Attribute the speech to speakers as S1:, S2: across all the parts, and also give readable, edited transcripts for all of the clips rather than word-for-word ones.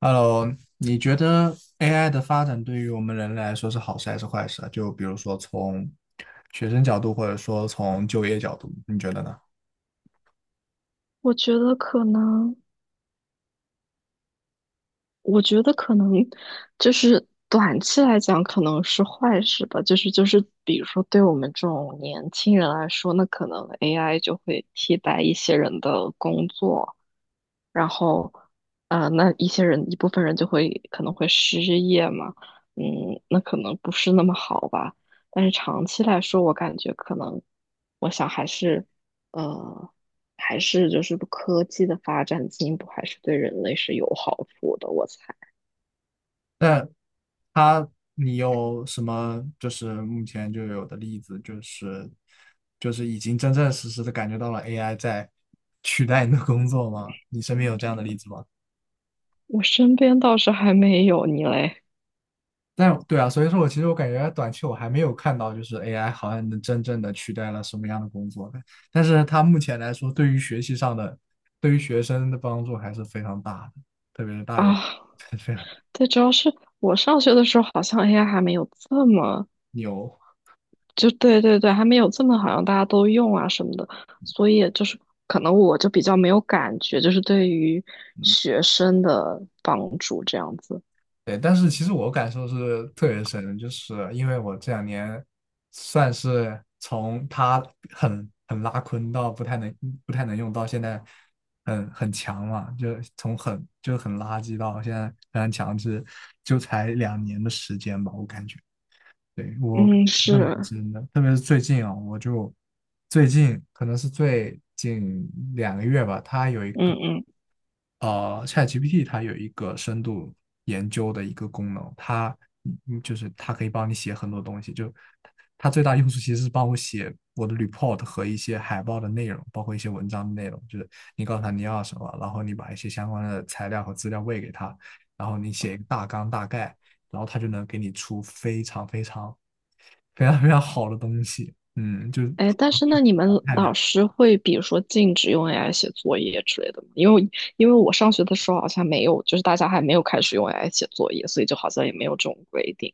S1: Hello,你觉得 AI 的发展对于我们人类来说是好事还是坏事啊？就比如说从学生角度，或者说从就业角度，你觉得呢？
S2: 我觉得可能，我觉得可能就是短期来讲可能是坏事吧，比如说对我们这种年轻人来说，那可能 AI 就会替代一些人的工作，然后啊、那一部分人就会可能会失业嘛，那可能不是那么好吧。但是长期来说，我感觉可能，我想呃，还是就是科技的发展进步，还是对人类是有好处的。我猜。
S1: 但它，你有什么就是目前就有的例子，就是已经真正实实的感觉到了 AI 在取代你的工作吗？你身边有这样的例子吗？
S2: 我身边倒是还没有，你嘞？
S1: 但对啊，所以说我其实我感觉短期我还没有看到，就是 AI 好像能真正的取代了什么样的工作的。但是它目前来说，对于学习上的，对于学生的帮助还是非常大的，特别是大学，
S2: 啊，
S1: 非常大
S2: 对，主要是我上学的时候，好像 AI 还没有这么。
S1: 牛。
S2: 就对对对，还没有这么，好像大家都用啊什么的，所以就是可能我就比较没有感觉，就是对于学生的帮助这样子。
S1: 对，但是其实我感受是特别深的，就是因为我这两年算是从他很拉坤到不太能用到现在很强嘛，就从很垃圾到现在非常强势，就才两年的时间吧，我感觉。对，我
S2: 嗯，
S1: 认为
S2: 是，
S1: 真的，特别是最近啊，我就最近可能是最近2个月吧，他有一个
S2: 嗯嗯。
S1: ChatGPT 它有一个深度研究的一个功能，它就是它可以帮你写很多东西，就它最大用处其实是帮我写我的 report 和一些海报的内容，包括一些文章的内容，就是你告诉他你要什么，然后你把一些相关的材料和资料喂给他，然后你写一个大纲大概，然后他就能给你出非常非常非常非常好的东西，嗯，就是
S2: 哎，
S1: 好
S2: 但是那
S1: 的，
S2: 你们
S1: 太
S2: 老
S1: 了。
S2: 师会比如说禁止用 AI 写作业之类的吗？因为我上学的时候好像没有，就是大家还没有开始用 AI 写作业，所以就好像也没有这种规定，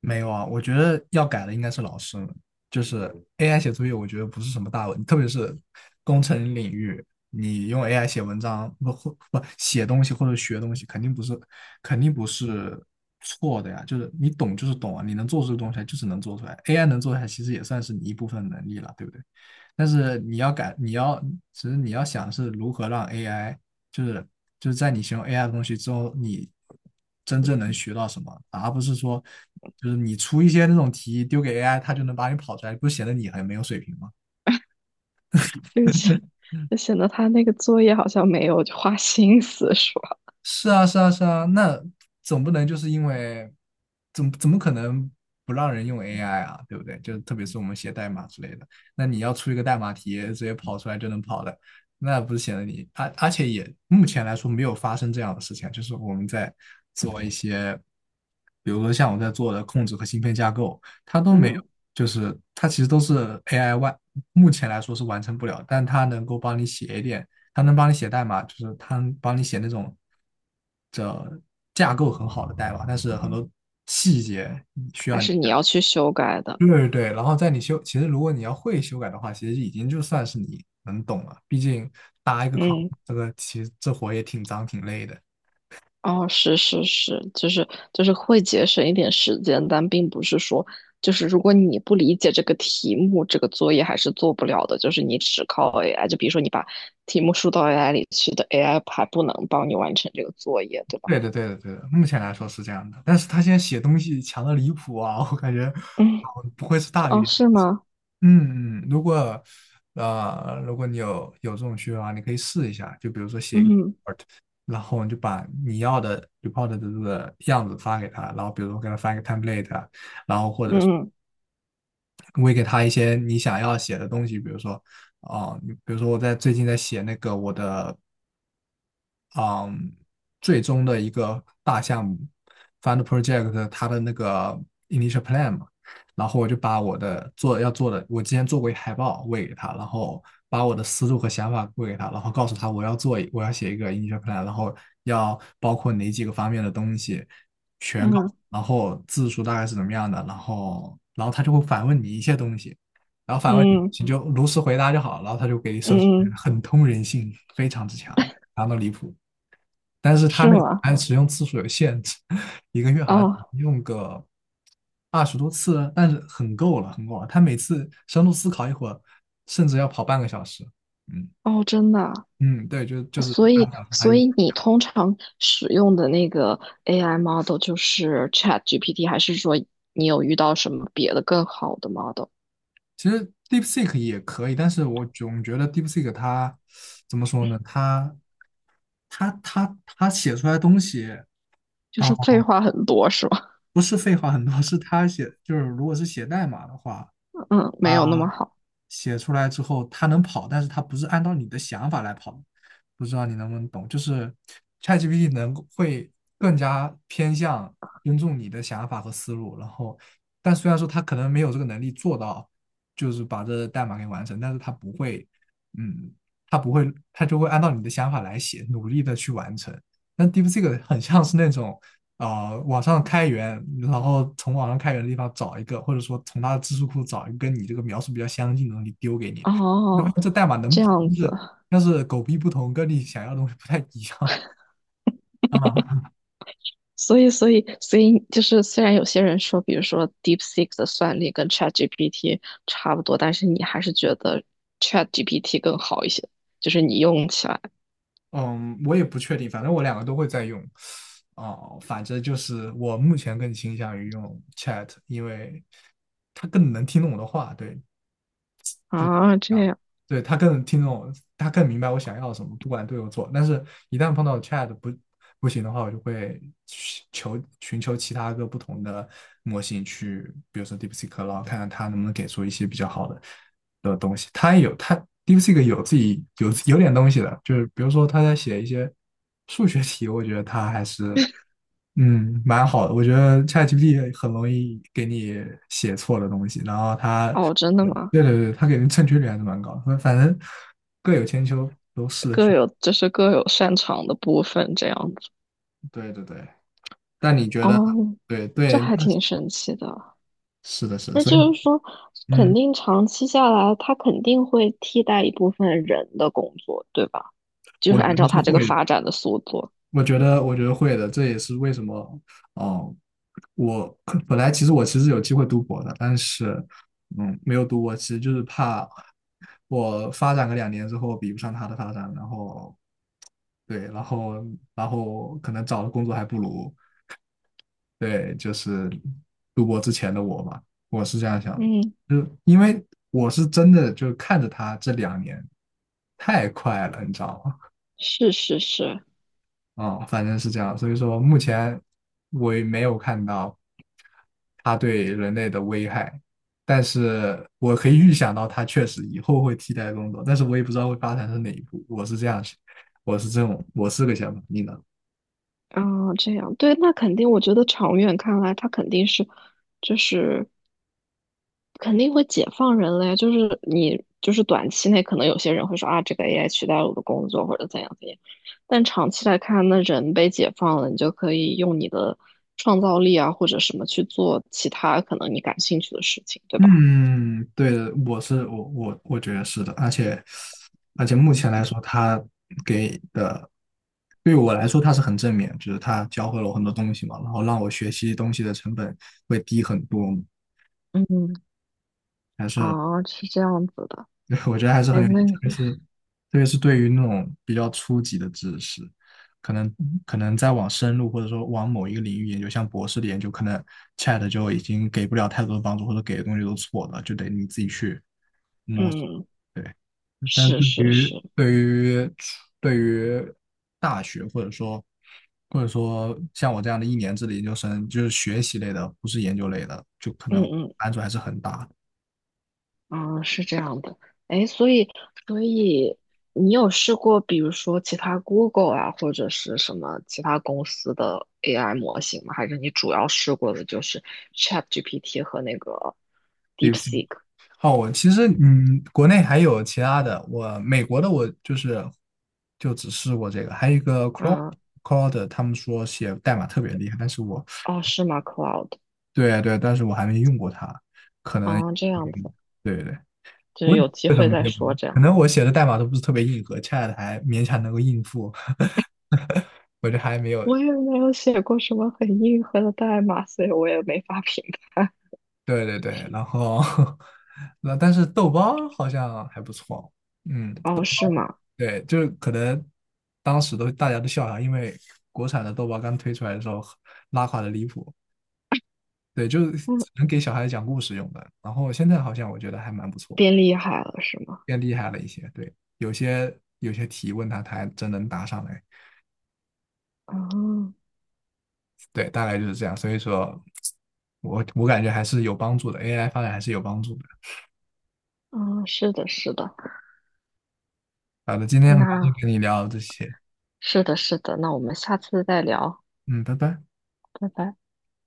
S1: 没有啊，我觉得要改的应该是老师们。就是 AI 写作业，我觉得不是什么大问题，特别是工程领域，你用 AI 写文章不或不写东西或者学东西，肯定不是错的呀，就是你懂就是懂啊，你能做出的东西来就是能做出来，AI 能做出来其实也算是你一部分能力了，对不对？但是你要改，其实你要想是如何让 AI 就是就是在你学用 AI 的东西之后，你真正能学到什么，而不是说就是你出一些那种题丢给 AI，它就能把你跑出来，不显得你很没有水平吗？
S2: 就是显得他那个作业好像没有花心思是吧？
S1: 是啊，是啊，是啊，那总不能就是因为怎么可能不让人用 AI 啊，对不对？就特别是我们写代码之类的，那你要出一个代码题，直接跑出来就能跑的，那不是显得你，而且也目前来说没有发生这样的事情啊，就是我们在做一些，比如说像我在做的控制和芯片架构，它都没有，
S2: 嗯，
S1: 就是它其实都是 AI 外，目前来说是完成不了，但它能够帮你写一点。它能帮你写代码，就是它能帮你写那种架构很好的代码，但是很多细节需
S2: 还
S1: 要你
S2: 是你
S1: 改。
S2: 要去修改的。
S1: 对，对，对，然后在你修，其实如果你要会修改的话，其实已经就算是你能懂了。毕竟搭一个框，
S2: 嗯。
S1: 这个其实这活也挺脏挺累的。
S2: 哦，是是是就是会节省一点时间，但并不是说，就是如果你不理解这个题目，这个作业还是做不了的。就是你只靠 AI，就比如说你把题目输到 AI 里去的，AI 还不能帮你完成这个作业，对吧？
S1: 对的，对的，对的，目前来说是这样的。但是他现在写东西强的离谱啊，我感觉
S2: 嗯，
S1: 不会是大
S2: 哦，
S1: 鱼。
S2: 是吗？
S1: 嗯嗯，如果你有这种需要啊，你可以试一下，就比如说写一个。
S2: 嗯
S1: 然后你就把你要的 report 的这个样子发给他，然后比如说给他发一个 template，
S2: 嗯嗯
S1: 喂给他一些你想要写的东西，比如说，哦、你比如说我在最近在写那个我的嗯，最终的一个大项目 fund project 它的那个 initial plan 嘛，然后我就把我的做要做的，我之前做过一海报喂给他，然后把我的思路和想法喂给他，然后告诉他我要写一个 initial plan，然后要包括哪几个方面的东西，全告
S2: 嗯
S1: 诉然后字数大概是怎么样的，然后他就会反问你一些东西。然后反问你，
S2: 嗯
S1: 你就如实回答就好了，然后他就给你设置
S2: 嗯，嗯，
S1: 很通人性，非常之强，强到离谱。但是它
S2: 是
S1: 那个
S2: 吗？
S1: 按使用次数有限制，一个月好像
S2: 哦
S1: 用个20多次啊，但是很够了，很够了。他每次深度思考一会儿，甚至要跑半个小时。嗯
S2: 哦，真的啊？
S1: 嗯，对，就是
S2: 所
S1: 半
S2: 以，
S1: 个小时它
S2: 所
S1: 一。
S2: 以你通常使用的那个 AI model 就是 ChatGPT，还是说你有遇到什么别的更好的 model？
S1: 其实 DeepSeek 也可以，但是我总觉得 DeepSeek 它怎么说呢？它写出来的东西
S2: 就
S1: 啊，
S2: 是废话很多是吧？
S1: 不是废话很多，是它写就是如果是写代码的话。
S2: 嗯，没
S1: 啊。
S2: 有那么好。
S1: 写出来之后，它能跑，但是它不是按照你的想法来跑。不知道你能不能懂，就是 ChatGPT 能会更加偏向尊重你的想法和思路，然后，但虽然说它可能没有这个能力做到，就是把这代码给完成，但是它不会，嗯，它不会，它就会按照你的想法来写，努力的去完成。但 DeepSeek 很像是那种网上开源，然后从网上开源的地方找一个，或者说从它的知识库找一个跟你这个描述比较相近的东西丢给你，要不然
S2: 哦，
S1: 这代码能
S2: 这
S1: 跑，
S2: 样
S1: 但
S2: 子。
S1: 是但是狗屁不同，跟你想要的东西不太一样 啊。
S2: 所以就是虽然有些人说，比如说 DeepSeek 的算力跟 ChatGPT 差不多，但是你还是觉得 ChatGPT 更好一些，就是你用起来
S1: 嗯，我也不确定，反正我两个都会在用。哦，反正就是我目前更倾向于用 Chat，因为它更能听懂我的话，对，就是
S2: 啊，这
S1: 这样的
S2: 样。
S1: 对他更听懂，他更明白我想要什么，不管对或错。但是，一旦碰到 Chat 不行的话，我就会寻求其他个不同的模型去，比如说 DeepSeek，然后看看它能不能给出一些比较好的的东西。它也有它 DeepSeek 有自己有点东西的，就是比如说他在写一些数学题，我觉得他还是。嗯，蛮好的。我觉得 ChatGPT 很容易给你写错的东西，然后它
S2: 哦，真的吗？
S1: 对，对，对，他给人正确率还是蛮高的，反正各有千秋，都试着
S2: 各
S1: 去。
S2: 有就是各有擅长的部分这样子。
S1: 对，对，对，但你觉得，
S2: 哦，
S1: 对，
S2: 这
S1: 对，
S2: 还挺神奇的。
S1: 是的，是的，
S2: 那
S1: 所以，
S2: 就是说，肯
S1: 嗯，
S2: 定长期下来，它肯定会替代一部分人的工作，对吧？就
S1: 我
S2: 是
S1: 觉
S2: 按
S1: 得
S2: 照
S1: 是
S2: 它这个
S1: 会的，
S2: 发展的速度。
S1: 我觉得，我觉得会的，这也是为什么，哦，我可本来其实有机会读博的，但是，嗯，没有读博，其实就是怕我发展个两年之后比不上他的发展，然后，对，然后可能找的工作还不如。对，就是读博之前的我嘛，我是这样想的，
S2: 嗯，
S1: 就因为我是真的就看着他这两年太快了，你知道吗？
S2: 是是是。
S1: 反正是这样，所以说目前我也没有看到他对人类的危害，但是我可以预想到它确实以后会替代工作，但是我也不知道会发展到哪一步，我是这样想，我是这种，我是个想法，你呢？
S2: 嗯，这样对，那肯定，我觉得长远看来，它肯定是，就是肯定会解放人类，就是你就是短期内可能有些人会说啊，这个 AI 取代了我的工作或者怎样怎样，但长期来看，那人被解放了，你就可以用你的创造力啊或者什么去做其他可能你感兴趣的事情，对吧？
S1: 嗯，对的，我觉得是的，而且目前来说，他给的对我来说他是很正面，就是他教会了我很多东西嘛，然后让我学习东西的成本会低很多，
S2: 嗯，
S1: 还是
S2: 哦，是这样子的。
S1: 我觉得还是
S2: 哎，
S1: 很有意
S2: 那
S1: 义特
S2: 你
S1: 别是对于那种比较初级的知识，可能可能再往深入或者说往某一个领域研究，像博士的研究，可能 Chat 就已经给不了太多的帮助，或者给的东西都是错了，就得你自己去摸索。
S2: 嗯，
S1: 对。但是
S2: 是是
S1: 对于
S2: 是，
S1: 对于对于大学或者说像我这样的1年制的研究生，就是学习类的，不是研究类的，就可
S2: 嗯
S1: 能
S2: 嗯
S1: 难度还是很大的。
S2: 嗯，是这样的。哎，所以你有试过，比如说其他 Google 啊，或者是什么其他公司的 AI 模型吗？还是你主要试过的就是 ChatGPT 和那个
S1: 对不起
S2: DeepSeek？
S1: 好，我其实国内还有其他的，我美国的我就是就只试过这个，还有一个 Claude
S2: 嗯，
S1: 他们说写代码特别厉害，但是我
S2: 哦，是吗？Cloud？
S1: 对，对，但是我还没用过它。
S2: 哦，这样
S1: 嗯，
S2: 子，
S1: 对，对。
S2: 就是有机会再说
S1: 嗯
S2: 这
S1: 可
S2: 样。
S1: 能我写的代码都不是特别硬核 c h a 还勉强能够应付，我就还没有。
S2: 我也没有写过什么很硬核的代码，所以我也没法评判。
S1: 对，对，对，然后 那但是豆包好像还不错，嗯，
S2: 哦，是吗？
S1: 对，就是可能当时都大家都笑他，因为国产的豆包刚推出来的时候拉垮的离谱，对，就是只
S2: 嗯，
S1: 能给小孩讲故事用的。然后现在好像我觉得还蛮不错，
S2: 变厉害了是吗？
S1: 变厉害了一些，对，有些题问他，他还真能答上来。
S2: 哦，
S1: 对，大概就是这样。所以说，我感觉还是有帮助的，AI 发展还是有帮助的。
S2: 嗯，是的，是的。
S1: 好的，今天很高兴
S2: 那
S1: 跟你聊这些，
S2: 是的，是的，那我们下次再聊，
S1: 嗯，拜拜。
S2: 拜拜。